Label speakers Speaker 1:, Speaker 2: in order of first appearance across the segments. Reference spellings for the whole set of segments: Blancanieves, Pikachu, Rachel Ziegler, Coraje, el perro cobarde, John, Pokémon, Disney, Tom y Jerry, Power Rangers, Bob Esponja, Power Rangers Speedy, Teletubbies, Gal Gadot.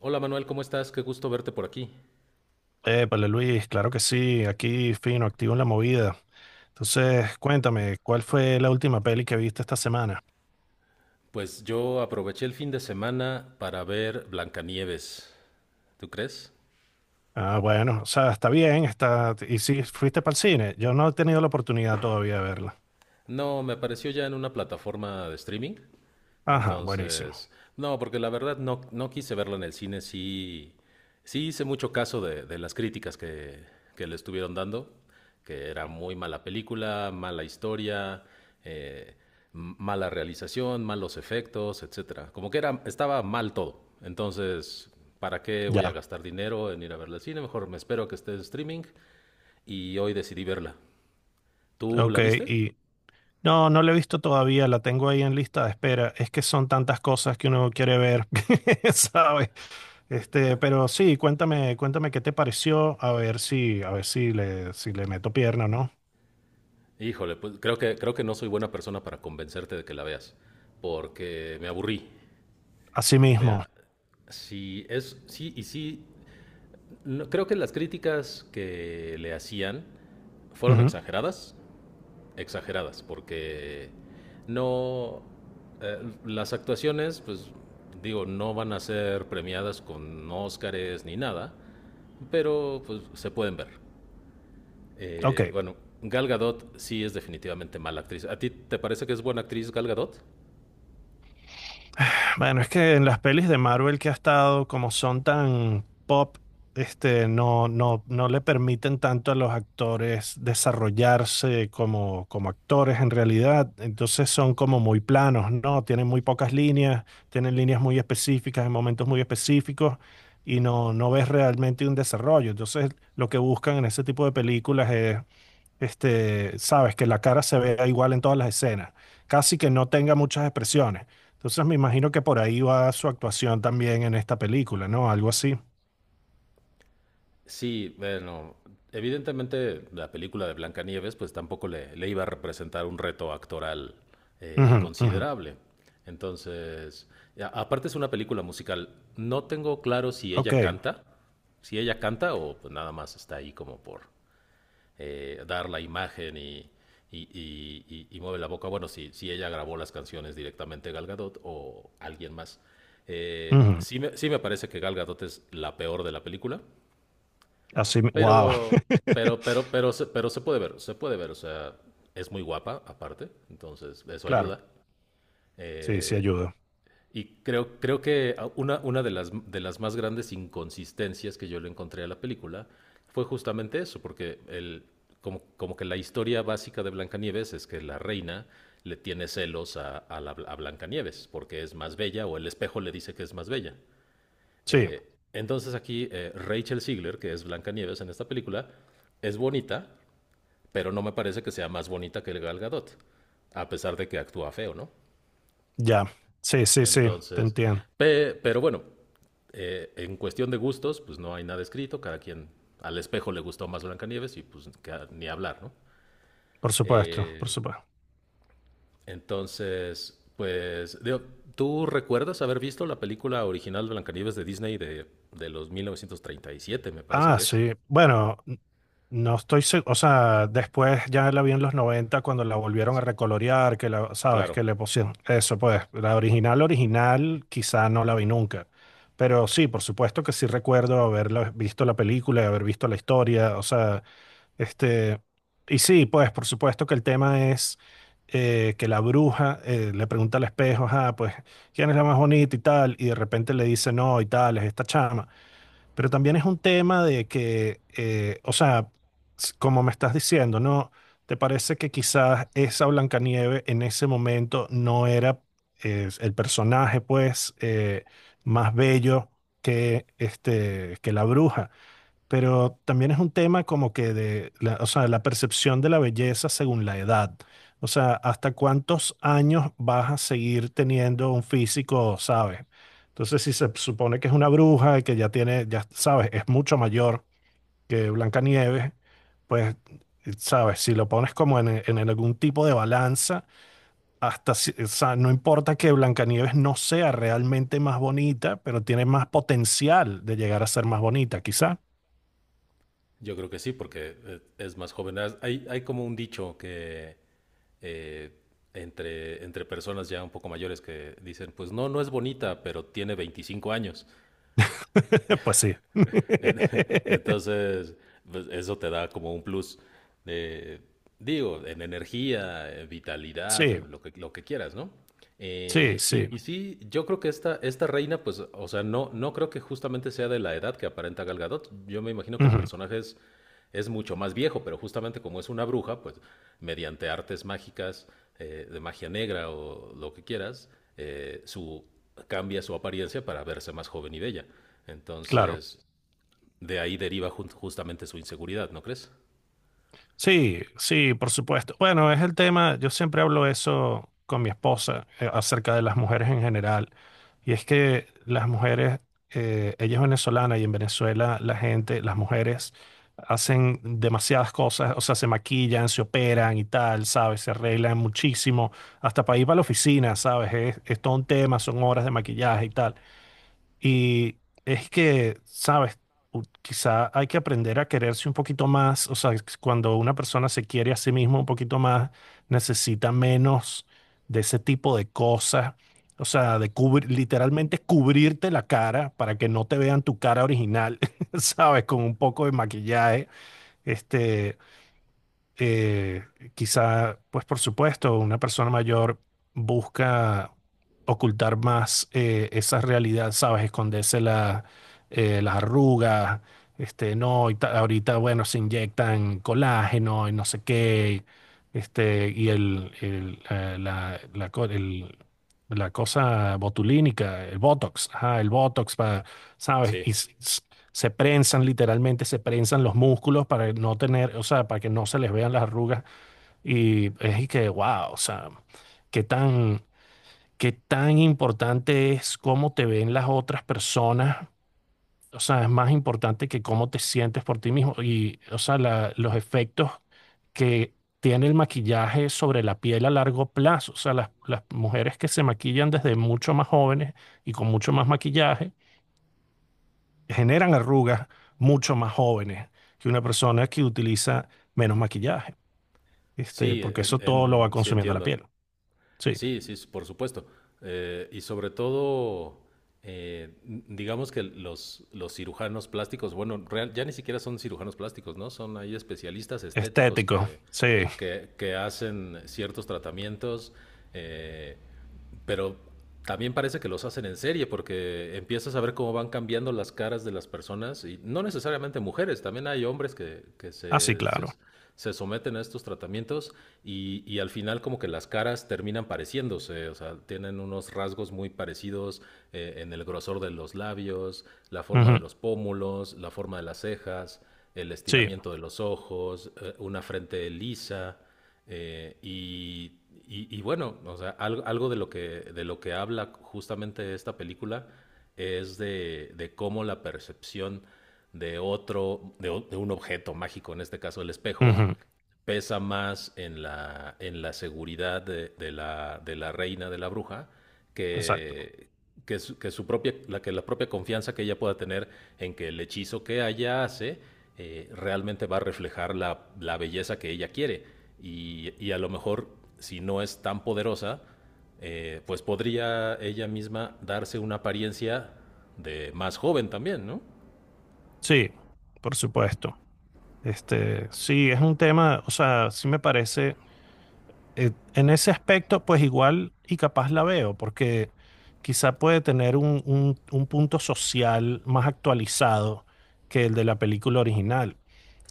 Speaker 1: Hola Manuel, ¿cómo estás? Qué gusto verte por aquí.
Speaker 2: Épale, Luis, claro que sí, aquí fino, activo en la movida. Entonces, cuéntame, ¿cuál fue la última peli que viste esta semana?
Speaker 1: Pues yo aproveché el fin de semana para ver Blancanieves. ¿Tú crees?
Speaker 2: Ah, bueno, o sea, está bien. ¿Y si fuiste para el cine? Yo no he tenido la oportunidad todavía de verla.
Speaker 1: No, me apareció ya en una plataforma de streaming.
Speaker 2: Ajá, buenísimo.
Speaker 1: Entonces, no, porque la verdad no, no quise verla en el cine. Sí, sí hice mucho caso de las críticas que le estuvieron dando, que era muy mala película, mala historia, eh, mala realización, malos efectos, etcétera. Como que era, estaba mal todo. Entonces, ¿para qué voy a
Speaker 2: Ya,
Speaker 1: gastar dinero en ir a verla al cine? Mejor me espero a que esté en streaming y hoy decidí verla. ¿Tú
Speaker 2: ok,
Speaker 1: la viste?
Speaker 2: y... No, no la he visto todavía, la tengo ahí en lista de espera. Es que son tantas cosas que uno quiere ver, ¿sabes? Este, pero sí, cuéntame qué te pareció, a ver si le meto pierna, ¿no?
Speaker 1: Híjole, pues creo que no soy buena persona para convencerte de que la veas, porque me aburrí.
Speaker 2: Así
Speaker 1: Me
Speaker 2: mismo.
Speaker 1: a- Sí, es, sí, y sí, creo que las críticas que le hacían fueron
Speaker 2: Ujú,
Speaker 1: exageradas, exageradas, porque no, eh, las actuaciones, pues digo, no van a ser premiadas con Óscares ni nada, pero pues se pueden ver. Eh,
Speaker 2: ok.
Speaker 1: bueno, Gal Gadot sí es definitivamente mala actriz. ¿A ti te parece que es buena actriz Gal Gadot?
Speaker 2: Bueno, es que en las pelis de Marvel que ha estado, como son tan pop, este, no le permiten tanto a los actores desarrollarse como actores en realidad. Entonces son como muy planos, ¿no? Tienen muy pocas líneas, tienen líneas muy específicas en momentos muy específicos y no ves realmente un desarrollo. Entonces lo que buscan en ese tipo de películas este, sabes, que la cara se vea igual en todas las escenas, casi que no tenga muchas expresiones. Entonces me imagino que por ahí va su actuación también en esta película, ¿no? Algo así.
Speaker 1: Sí, bueno, evidentemente la película de Blancanieves pues tampoco le iba a representar un reto actoral
Speaker 2: Ujú, ujú.
Speaker 1: considerable. Entonces, aparte es una película musical. No tengo claro si
Speaker 2: Ok.
Speaker 1: ella canta, si ella canta o pues, nada más está ahí como por dar la imagen y mueve la boca. Bueno, si, si ella grabó las canciones directamente Gal Gadot o alguien más. Eh,
Speaker 2: Ujú.
Speaker 1: sí, me, sí me parece que Gal Gadot es la peor de la película,
Speaker 2: Así, wow.
Speaker 1: pero, pero pero se puede ver, se puede ver. O sea, es muy guapa aparte, entonces eso
Speaker 2: Claro,
Speaker 1: ayuda.
Speaker 2: sí, sí
Speaker 1: Eh,
Speaker 2: ayuda.
Speaker 1: creo que una de las más grandes inconsistencias que yo le encontré a la película fue justamente eso, porque como que la historia básica de Blancanieves es que la reina le tiene celos a a Blancanieves porque es más bella o el espejo le dice que es más bella.
Speaker 2: Sí,
Speaker 1: Entonces aquí Rachel Ziegler, que es Blancanieves en esta película, es bonita, pero no me parece que sea más bonita que el Gal Gadot, a pesar de que actúa feo, ¿no?
Speaker 2: ya. Sí, sí, sí, te
Speaker 1: Entonces,
Speaker 2: entiendo.
Speaker 1: pero bueno, en cuestión de gustos, pues no hay nada escrito, cada quien al espejo le gustó más Blancanieves y pues ni hablar, ¿no?
Speaker 2: Por supuesto, por
Speaker 1: Eh,
Speaker 2: supuesto.
Speaker 1: entonces, pues, digo, ¿tú recuerdas haber visto la película original Blancanieves de Disney de los 1937, me parece
Speaker 2: Ah,
Speaker 1: que es?
Speaker 2: sí. Bueno, no estoy seguro, o sea, después ya la vi en los 90 cuando la volvieron a
Speaker 1: Sí,
Speaker 2: recolorear, sabes,
Speaker 1: claro.
Speaker 2: que le pusieron eso, pues, la original, original, quizá no la vi nunca. Pero sí, por supuesto que sí recuerdo haber visto la película y haber visto la historia, o sea, este, y sí, pues, por supuesto que el tema es que la bruja le pregunta al espejo, ah, pues, ¿quién es la más bonita y tal? Y de repente le dice, no, y tal, es esta chama. Pero también es un tema de que, o sea, como me estás diciendo, ¿no? ¿Te parece que quizás esa Blancanieve en ese momento no era el personaje, pues, más bello que, este, que la bruja? Pero también es un tema como que de la, o sea, la percepción de la belleza según la edad. O sea, ¿hasta cuántos años vas a seguir teniendo un físico, sabes? Entonces, si se supone que es una bruja y que ya tiene, ya sabes, es mucho mayor que Blancanieves, pues, sabes, si lo pones como en algún tipo de balanza, hasta, o sea, no importa que Blancanieves no sea realmente más bonita, pero tiene más potencial de llegar a ser más bonita, quizás.
Speaker 1: Yo creo que sí, porque es más joven. Hay como un dicho que eh, entre personas ya un poco mayores que dicen, pues no, no es bonita, pero tiene 25 años.
Speaker 2: Pues sí.
Speaker 1: En- Entonces, pues, eso te da como un plus de, digo, en energía, en vitalidad,
Speaker 2: Sí,
Speaker 1: lo que quieras, ¿no?
Speaker 2: sí,
Speaker 1: Eh,
Speaker 2: sí.
Speaker 1: y, y sí, yo creo que esta reina, pues, o sea, no, no creo que justamente sea de la edad que aparenta Gal Gadot. Yo me imagino que
Speaker 2: Ujú,
Speaker 1: es mucho más viejo, pero justamente como es una bruja, pues, mediante artes mágicas, de magia negra o lo que quieras, eh, su, cambia su apariencia para verse más joven y bella.
Speaker 2: claro.
Speaker 1: Entonces, de ahí deriva justamente su inseguridad, ¿no crees?
Speaker 2: Sí, sí, por supuesto. Bueno, es el tema, yo siempre hablo eso con mi esposa acerca de las mujeres en general. Y es que las mujeres, ella es venezolana y en Venezuela la gente, las mujeres hacen demasiadas cosas, o sea, se maquillan, se operan y tal, ¿sabes? Se arreglan muchísimo, hasta para ir para la oficina, ¿sabes? Es todo un tema, son horas de maquillaje y tal. Y es que, sabes, quizá hay que aprender a quererse un poquito más, o sea, cuando una persona se quiere a sí misma un poquito más, necesita menos de ese tipo de cosas, o sea, de cubrir, literalmente cubrirte la cara para que no te vean tu cara original, sabes, con un poco de maquillaje, este eh, quizá, pues por supuesto, una persona mayor busca ocultar más esa realidad, ¿sabes? Esconderse las arrugas, este, no, y ahorita, bueno, se inyectan colágeno y no sé qué, este, y el, la, la co- el- la cosa botulínica, el Botox, ajá, el Botox, ¿sabes?
Speaker 1: Sí,
Speaker 2: Y se prensan literalmente, se prensan los músculos para no tener, o sea, para que no se les vean las arrugas y es y que, wow, o sea, qué tan, qué tan importante es cómo te ven las otras personas, o sea, es más importante que cómo te sientes por ti mismo y, o sea, los efectos que tiene el maquillaje sobre la piel a largo plazo, o sea, las mujeres que se maquillan desde mucho más jóvenes y con mucho más maquillaje generan arrugas mucho más jóvenes que una persona que utiliza menos maquillaje, este,
Speaker 1: sí,
Speaker 2: porque eso todo lo va
Speaker 1: sí
Speaker 2: consumiendo la
Speaker 1: entiendo.
Speaker 2: piel. Sí,
Speaker 1: Sí, sí, por supuesto. Y sobre todo, digamos que los cirujanos plásticos, bueno, ya ni siquiera son cirujanos plásticos, ¿no? Son ahí especialistas estéticos
Speaker 2: estético, sí,
Speaker 1: que hacen ciertos tratamientos. eh, Pero también parece que los hacen en serie porque empiezas a ver cómo van cambiando las caras de las personas y no necesariamente mujeres, también hay hombres que, que
Speaker 2: así
Speaker 1: se, se,
Speaker 2: claro.
Speaker 1: se someten a estos tratamientos y al final como que las caras terminan pareciéndose, o sea, tienen unos rasgos muy parecidos en el grosor de los labios, la forma
Speaker 2: Ujú,
Speaker 1: de los pómulos, la forma de las cejas, el
Speaker 2: sí,
Speaker 1: estiramiento de los ojos, una frente lisa. Eh, y, y bueno, o sea, algo de de lo que habla justamente esta película es de cómo la percepción de otro, de un objeto mágico, en este caso el espejo,
Speaker 2: ujú,
Speaker 1: pesa más en la seguridad de la reina de la bruja
Speaker 2: exacto.
Speaker 1: que, que su propia, la, que la propia confianza que ella pueda tener en que el hechizo que ella hace realmente va a reflejar la belleza que ella quiere. A lo mejor, si no es tan poderosa, pues podría ella misma darse una apariencia de más joven también, ¿no?
Speaker 2: Sí, por supuesto. Este, sí, es un tema, o sea, sí me parece, en ese aspecto, pues igual y capaz la veo, porque quizá puede tener un punto social más actualizado que el de la película original.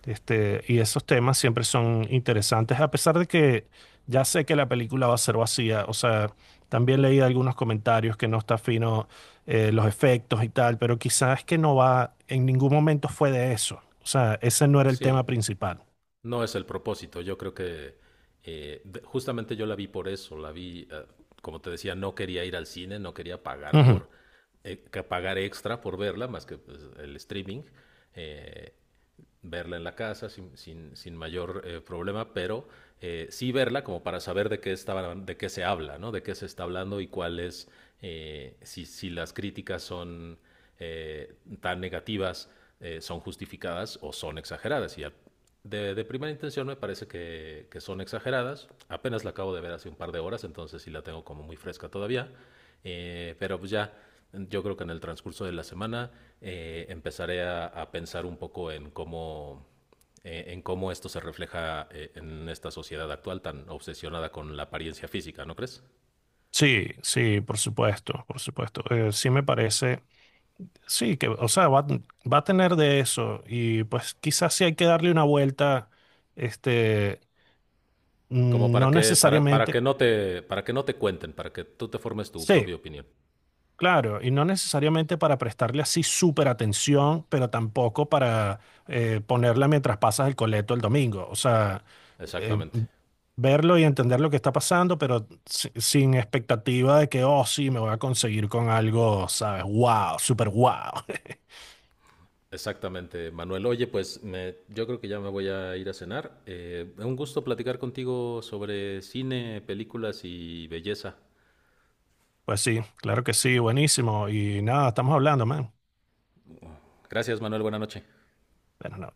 Speaker 2: Este, y esos temas siempre son interesantes, a pesar de que ya sé que la película va a ser vacía. O sea, también leí algunos comentarios que no está fino los efectos y tal, pero quizás es que no va, en ningún momento fue de eso. O sea, ese no era el
Speaker 1: Sí,
Speaker 2: tema principal.
Speaker 1: no es el propósito. Yo creo que justamente yo la vi por eso. Como te decía, no quería ir al cine, no quería pagar
Speaker 2: Ujú.
Speaker 1: por que pagar extra por verla, más que pues, el streaming, eh, verla en la casa sin mayor problema, pero sí verla como para saber de qué estaban, de qué se habla, ¿no? De qué se está hablando y cuáles, si las críticas son eh, tan negativas son justificadas o son exageradas. De primera intención me parece que son exageradas. Apenas la acabo de ver hace un par de horas, entonces sí la tengo como muy fresca todavía. Eh, pero pues ya, yo creo que en el transcurso de la semana empezaré a pensar un poco en cómo esto se refleja en esta sociedad actual tan obsesionada con la apariencia física, ¿no crees?
Speaker 2: Sí, sí, por supuesto, por supuesto. Sí me parece, sí, que, o sea, va a tener de eso y pues quizás sí hay que darle una vuelta, este,
Speaker 1: Como para
Speaker 2: no
Speaker 1: para que
Speaker 2: necesariamente.
Speaker 1: no te, para que no te cuenten, para que tú te formes tu
Speaker 2: Sí,
Speaker 1: propia opinión.
Speaker 2: claro, y no necesariamente para prestarle así súper atención, pero tampoco para ponerla mientras pasas el coleto el domingo. O sea, eh,
Speaker 1: Exactamente.
Speaker 2: verlo y entender lo que está pasando, pero sin expectativa de que, oh, sí, me voy a conseguir con algo, ¿sabes? ¡Wow! ¡Súper wow!
Speaker 1: Exactamente, Manuel. Oye, pues yo creo que ya me voy a ir a cenar. Un gusto platicar contigo sobre cine, películas y belleza.
Speaker 2: Pues sí, claro que sí, buenísimo. Y nada, estamos hablando, man.
Speaker 1: Gracias, Manuel. Buena noche.
Speaker 2: Bueno, no.